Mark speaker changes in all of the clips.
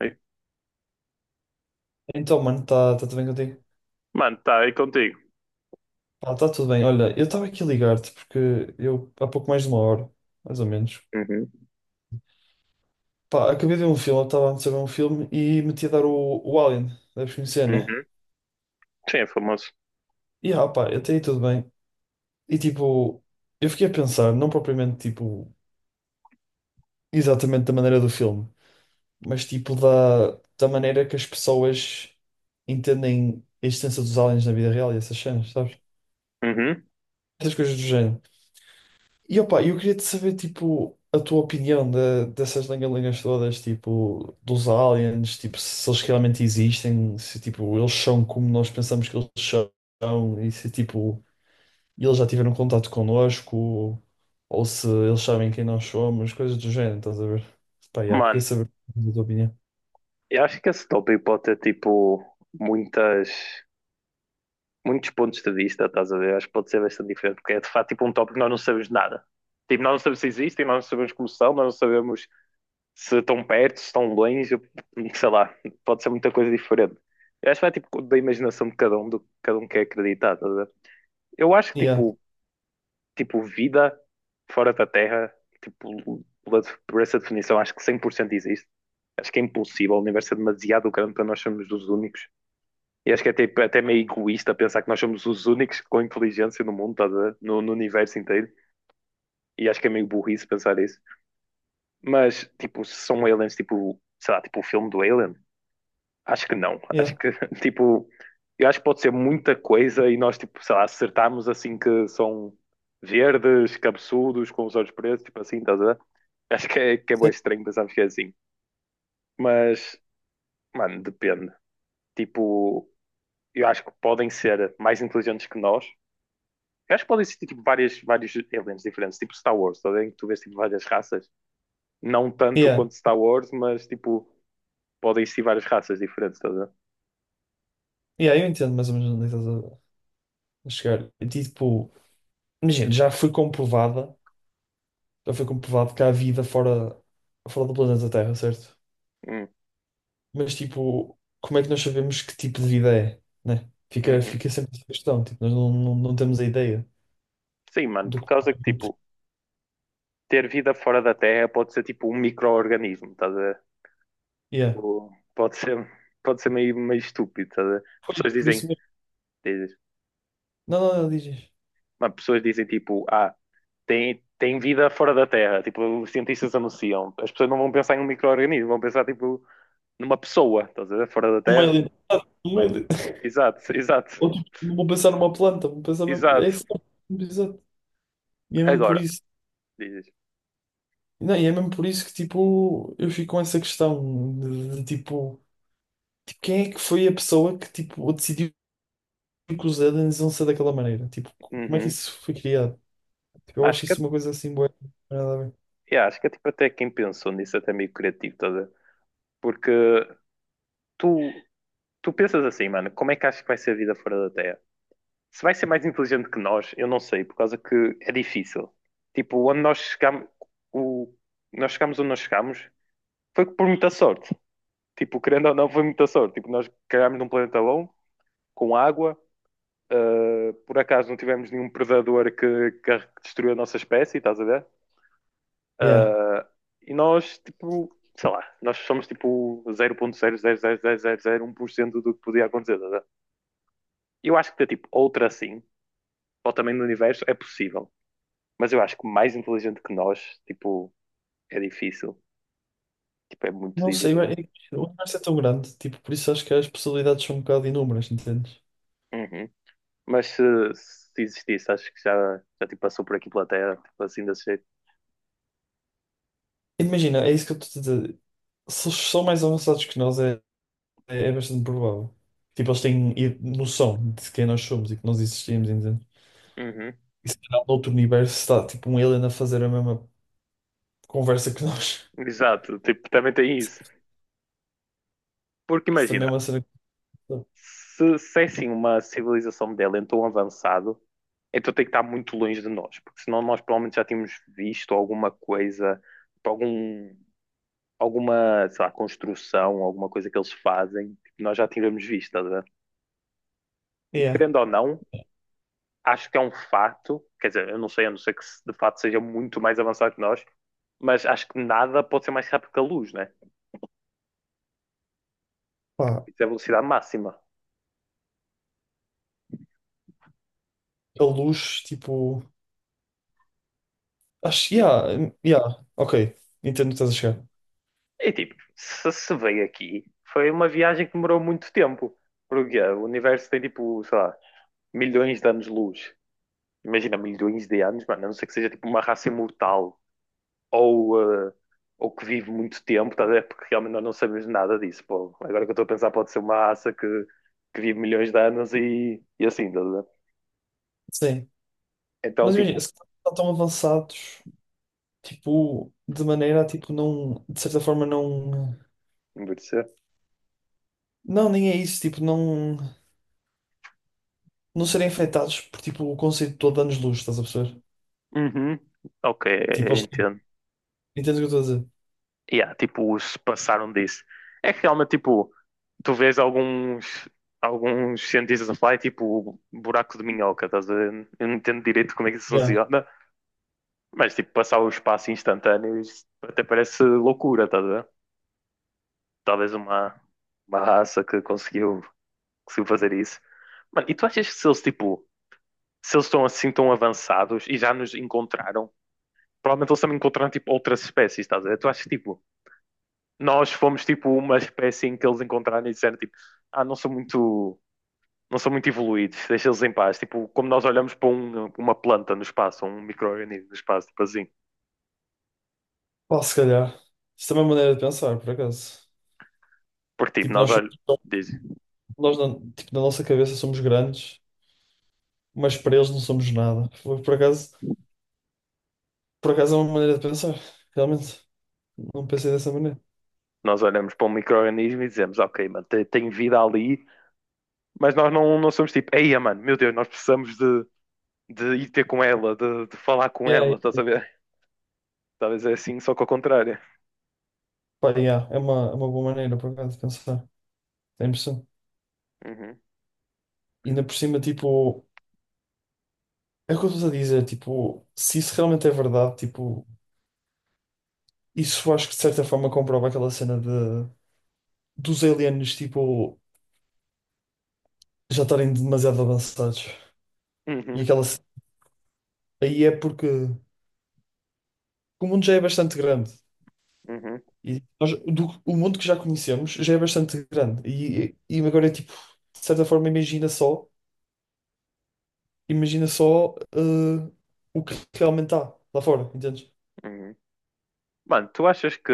Speaker 1: Ei.
Speaker 2: Então, mano, está tá tá tudo bem contigo?
Speaker 1: Mano, tá aí contigo.
Speaker 2: Pá, tá tudo bem. Olha, eu estava aqui a ligar-te porque eu, há pouco mais de uma hora, mais ou menos,
Speaker 1: Uhum,
Speaker 2: pá, acabei de ver um filme, eu estava antes a ver um filme e meti a dar o Alien, deves conhecer, né?
Speaker 1: uhum. Sim, é famoso.
Speaker 2: E pá, até aí tudo bem. E tipo, eu fiquei a pensar, não propriamente tipo, exatamente da maneira do filme, mas tipo da maneira que as pessoas entendem a existência dos aliens na vida real e essas cenas, sabes?
Speaker 1: Uhum.
Speaker 2: Essas coisas do género. E opa, eu queria te saber, tipo, a tua opinião dessas lengalengas todas, tipo, dos aliens, tipo, se eles realmente existem, se, tipo, eles são como nós pensamos que eles são, e se, tipo, eles já tiveram contato connosco, ou se eles sabem quem nós somos, coisas do género, estás a ver? Pá, yeah, queria
Speaker 1: Mano,
Speaker 2: saber a tua opinião.
Speaker 1: eu acho que esse tópico pode ter tipo muitas, muitos pontos de vista, estás a ver? Acho que pode ser bastante diferente, porque é de facto tipo um tópico que nós não sabemos nada. Tipo, nós não sabemos se existem, nós não sabemos como são, nós não sabemos se estão perto, se estão longe, sei lá, pode ser muita coisa diferente. Eu acho que vai tipo da imaginação de cada um, do que cada um quer acreditar, estás a ver? Eu acho que
Speaker 2: Yeah,
Speaker 1: tipo, vida fora da Terra, tipo, pela, por essa definição, acho que 100% existe. Acho que é impossível, o universo é demasiado grande para nós sermos os únicos. E acho que é tipo, até meio egoísta pensar que nós somos os únicos com inteligência no mundo, estás a ver? No universo inteiro. E acho que é meio burrice pensar isso. Mas, tipo, se são aliens, tipo, sei lá, tipo o filme do Alien, acho que não.
Speaker 2: yeah,
Speaker 1: Acho que, tipo, eu acho que pode ser muita coisa e nós, tipo, sei lá, acertamos assim que são verdes, cabeçudos, com os olhos pretos, tipo assim, estás a ver? Acho que é bué
Speaker 2: sei-
Speaker 1: estranho pensarmos que é assim. Mas, mano, depende. Tipo, eu acho que podem ser mais inteligentes que nós. Eu acho que podem existir, tipo, vários aliens diferentes, tipo Star Wars, estás a ver? Em que tu vês, tipo, várias raças. Não tanto
Speaker 2: yeah,
Speaker 1: quanto Star Wars, mas, tipo, podem existir várias raças diferentes, estás a ver?
Speaker 2: yeah, eu entendo mais ou menos onde estás a a chegar. E, tipo, imagina, Já foi comprovado que há vida fora do planeta Terra, certo?
Speaker 1: Hum,
Speaker 2: Mas, tipo, como é que nós sabemos que tipo de vida é, né?
Speaker 1: uhum.
Speaker 2: Fica sempre essa questão, tipo, nós não temos a ideia
Speaker 1: Sim, mano,
Speaker 2: do
Speaker 1: por
Speaker 2: que
Speaker 1: causa que,
Speaker 2: propriamente
Speaker 1: tipo, ter vida fora da Terra pode ser tipo um micro-organismo, estás a ver?
Speaker 2: é.
Speaker 1: Tipo, pode ser, meio estúpido, estás a ver?
Speaker 2: Pois,
Speaker 1: Pessoas
Speaker 2: por
Speaker 1: dizem,
Speaker 2: isso mesmo.
Speaker 1: dizes,
Speaker 2: Não, não, não, dizes?
Speaker 1: mas pessoas dizem tipo, ah, tem, vida fora da Terra, tipo, os cientistas anunciam. As pessoas não vão pensar em um micro-organismo, vão pensar tipo numa pessoa, estás a ver? Fora da
Speaker 2: Um
Speaker 1: Terra.
Speaker 2: alien. Um alien.
Speaker 1: Exato, exato,
Speaker 2: Ou, tipo, não vou pensar numa planta, vou pensar mesmo... É
Speaker 1: exato.
Speaker 2: isso, exato. E é mesmo por
Speaker 1: Agora,
Speaker 2: isso...
Speaker 1: dizes,
Speaker 2: Não, e é mesmo por isso que, tipo, eu fico com essa questão tipo... Tipo, quem é que foi a pessoa que, tipo, decidiu que os aliens iam ser daquela maneira. Tipo, como é que
Speaker 1: uhum.
Speaker 2: isso foi criado? Tipo, eu
Speaker 1: Acho
Speaker 2: acho
Speaker 1: que,
Speaker 2: isso uma coisa assim boa.
Speaker 1: yeah, acho que é tipo até quem pensou nisso até meio criativo, estás a ver? Porque tu, tu pensas assim, mano, como é que achas que vai ser a vida fora da Terra? Se vai ser mais inteligente que nós, eu não sei, por causa que é difícil. Tipo, onde nós chegamos, o, nós chegamos onde nós chegamos, foi por muita sorte. Tipo, querendo ou não, foi muita sorte. Tipo, nós cagámos num planeta bom, com água. Por acaso não tivemos nenhum predador que destruiu a nossa espécie, estás a ver?
Speaker 2: Yeah.
Speaker 1: Uh, e nós, tipo, sei lá, nós somos tipo 0,0000001% do que podia acontecer, estás a ver? Eu acho que ter tipo outra assim, ou também no universo, é possível. Mas eu acho que mais inteligente que nós, tipo, é difícil. Tipo, é muito
Speaker 2: Não sei,
Speaker 1: difícil
Speaker 2: é
Speaker 1: mesmo.
Speaker 2: que o universo é tão grande, tipo, por isso acho que as possibilidades são um bocado inúmeras, entendes?
Speaker 1: Uhum. Mas se, existisse, acho que já, tipo, passou por aqui pela Terra, tipo, assim desse jeito.
Speaker 2: Imagina, é isso que eu estou a dizer. Se eles são mais avançados que nós, é bastante provável. Tipo, eles têm noção de quem nós somos e que nós existimos, entende?
Speaker 1: Uhum.
Speaker 2: E se calhar no outro universo está, tipo, um alien a fazer a mesma conversa que nós.
Speaker 1: Exato, tipo, também tem isso. Porque
Speaker 2: Isso também é
Speaker 1: imagina,
Speaker 2: uma cena que...
Speaker 1: se é assim uma civilização modelo em tão avançado, então tem que estar muito longe de nós, porque senão nós provavelmente já tínhamos visto alguma coisa, tipo, algum, sei lá, construção, alguma coisa que eles fazem, que nós já tínhamos visto, estás a ver? E
Speaker 2: Yeah.
Speaker 1: querendo ou não, acho que é um fato, quer dizer, eu não sei, a não ser que de fato seja muito mais avançado que nós, mas acho que nada pode ser mais rápido que a luz, né?
Speaker 2: Pá,
Speaker 1: Isso é a velocidade máxima.
Speaker 2: a luz, tipo. Acho,
Speaker 1: E,
Speaker 2: yeah, yeah, ok. Entendo o que estás a chegar.
Speaker 1: e, tipo, se veio aqui, foi uma viagem que demorou muito tempo. Porque o universo tem tipo, sei lá, milhões de anos-luz. Imagina, milhões de anos, mano, a não ser que seja tipo uma raça imortal ou, ah, ou que vive muito tempo, tá a ver? Porque realmente nós não sabemos nada disso. Pô. Agora que eu estou a pensar, pode ser uma raça que vive milhões de anos e assim, tá a ver?
Speaker 2: Sim.
Speaker 1: Então,
Speaker 2: Mas imagina,
Speaker 1: tipo,
Speaker 2: se estão tão avançados, tipo, de maneira a, tipo, não, de certa forma, não.
Speaker 1: envelhecer.
Speaker 2: Não, nem é isso, tipo, não. Não serem afetados por, tipo, o conceito todo de anos-luz, estás a perceber?
Speaker 1: Uhum. Ok,
Speaker 2: Tipo,
Speaker 1: eu
Speaker 2: eles. Têm.
Speaker 1: entendo.
Speaker 2: Entendes o que eu estou a dizer?
Speaker 1: Yeah, tipo, se passaram disso. É que realmente, tipo, tu vês alguns cientistas a falar, é tipo, buraco de minhoca, estás a ver? Eu não entendo direito como é que isso
Speaker 2: Yeah.
Speaker 1: funciona, mas, tipo, passar o espaço instantâneo, isso até parece loucura, estás a ver? Talvez uma raça que conseguiu fazer isso. Mano, e tu achas que se eles, tipo, se eles estão assim tão avançados e já nos encontraram, provavelmente eles também encontraram tipo outras espécies, estás a ver? Tu achas que tipo, nós fomos tipo uma espécie em que eles encontraram e disseram tipo, ah, não são muito, não são muito evoluídos, deixa eles em paz. Tipo, como nós olhamos para uma planta no espaço, ou um micro-organismo no espaço, tipo assim.
Speaker 2: Pá, se calhar. Isso também é uma maneira de pensar, por acaso.
Speaker 1: Porque tipo,
Speaker 2: Tipo,
Speaker 1: nós,
Speaker 2: nós somos.
Speaker 1: diz-
Speaker 2: Tipo, na nossa cabeça somos grandes, mas para eles não somos nada. Por acaso é uma maneira de pensar, realmente. Não pensei dessa maneira.
Speaker 1: nós olhamos para um micro-organismo e dizemos, ok, mano, tem, vida ali, mas nós não, não somos tipo, eia, mano, meu Deus, nós precisamos de, ir ter com ela, de falar com
Speaker 2: E aí,
Speaker 1: ela, estás a ver? Talvez é assim, só que ao contrário.
Speaker 2: pá, yeah, é uma boa maneira por acaso de pensar. É impressão.
Speaker 1: Uhum,
Speaker 2: Ainda por cima, tipo, é o que eu estou a dizer, tipo, se isso realmente é verdade, tipo, isso acho que de certa forma comprova aquela cena de dos aliens, tipo, já estarem demasiado avançados. E
Speaker 1: uhum,
Speaker 2: aquela ce- Aí é porque o mundo já é bastante grande.
Speaker 1: uhum,
Speaker 2: O mundo que já conhecemos já é bastante grande. E agora é tipo, de certa forma, imagina só, o que realmente há lá fora, entendes?
Speaker 1: uhum. Mano, tu achas que,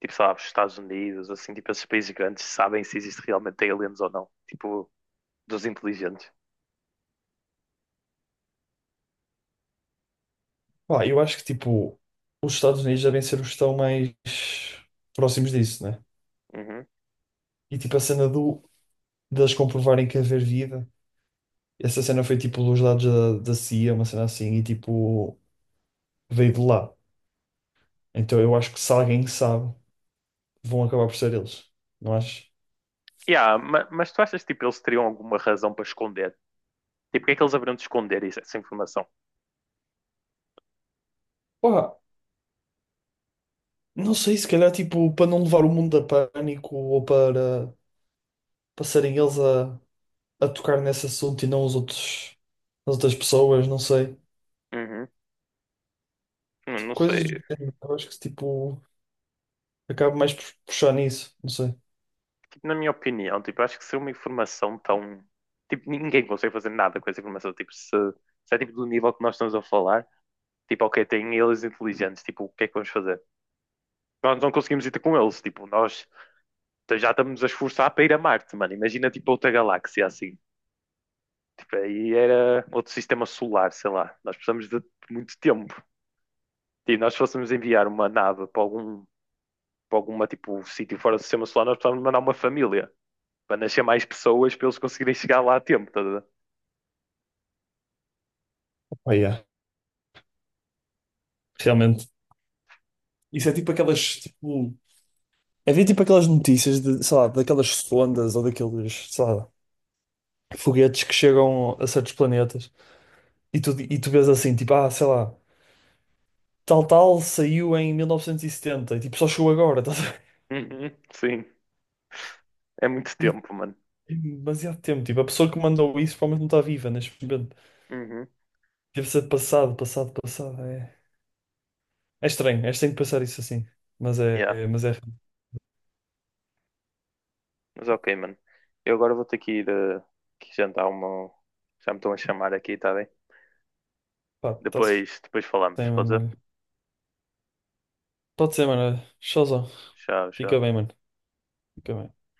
Speaker 1: tipo, sabes, Estados Unidos, assim, tipo, esses países grandes sabem se existe realmente aliens ou não? Tipo, dos inteligentes.
Speaker 2: Pá, eu acho que tipo, os Estados Unidos devem ser os que estão mais próximos disso, né?
Speaker 1: Uhum.
Speaker 2: E tipo, a cena do, deles comprovarem que haver vida, essa cena foi tipo dos dados da CIA, uma cena assim, e tipo, veio de lá. Então eu acho que se alguém sabe, vão acabar por ser eles, não acho?
Speaker 1: Yeah, mas tu achas que, tipo, eles teriam alguma razão para esconder? Tipo, o que é que eles haveriam de esconder essa informação?
Speaker 2: Pá, não sei, se calhar tipo, para não levar o mundo a pânico ou para passarem eles a tocar nesse assunto e não os outros, as outras pessoas, não sei.
Speaker 1: Uhum.
Speaker 2: Tipo,
Speaker 1: Não sei.
Speaker 2: coisas do género, eu acho que tipo. Acabo mais por puxar nisso, não sei.
Speaker 1: Tipo, na minha opinião, tipo, acho que se é uma informação tão... Tipo, ninguém consegue fazer nada com essa informação. Tipo, se é, tipo, do nível que nós estamos a falar, tipo, ok, tem aliens inteligentes, tipo, o que é que vamos fazer? Nós não conseguimos ir ter com eles, tipo, nós... Então já estamos a esforçar para ir a Marte, mano. Imagina tipo outra galáxia assim. Tipo, aí era outro sistema solar, sei lá. Nós precisamos de muito tempo. E nós fôssemos enviar uma nave para algum para alguma tipo sítio fora do sistema solar, nós precisávamos mandar uma família para nascer mais pessoas para eles conseguirem chegar lá a tempo, tá a ver?
Speaker 2: Oh, yeah. Realmente. Isso é tipo aquelas, tipo... Havia tipo aquelas notícias de, sei lá, daquelas sondas ou daqueles, sei lá, foguetes que chegam a certos planetas e tu vês assim, tipo, ah, sei lá, tal tal saiu em 1970 e setenta e tipo, só chegou agora, estás a ver?
Speaker 1: Uhum, sim, é muito
Speaker 2: E
Speaker 1: tempo, mano.
Speaker 2: tem demasiado tempo, tipo, a pessoa que mandou isso provavelmente não está viva neste momento.
Speaker 1: Uhum,
Speaker 2: Deve ser passado, passado, passado. É estranho, é estranho pensar isso assim,
Speaker 1: yeah.
Speaker 2: mas é,
Speaker 1: Mas ok, mano. Eu agora vou ter que ir que jantar uma. Já me estão a chamar aqui, tá bem?
Speaker 2: pá, está-se
Speaker 1: Depois, falamos,
Speaker 2: bem,
Speaker 1: pode ser?
Speaker 2: mano. Pode ser, mano. Showzão.
Speaker 1: Tchau, tchau.
Speaker 2: Fica bem, mano. Fica bem.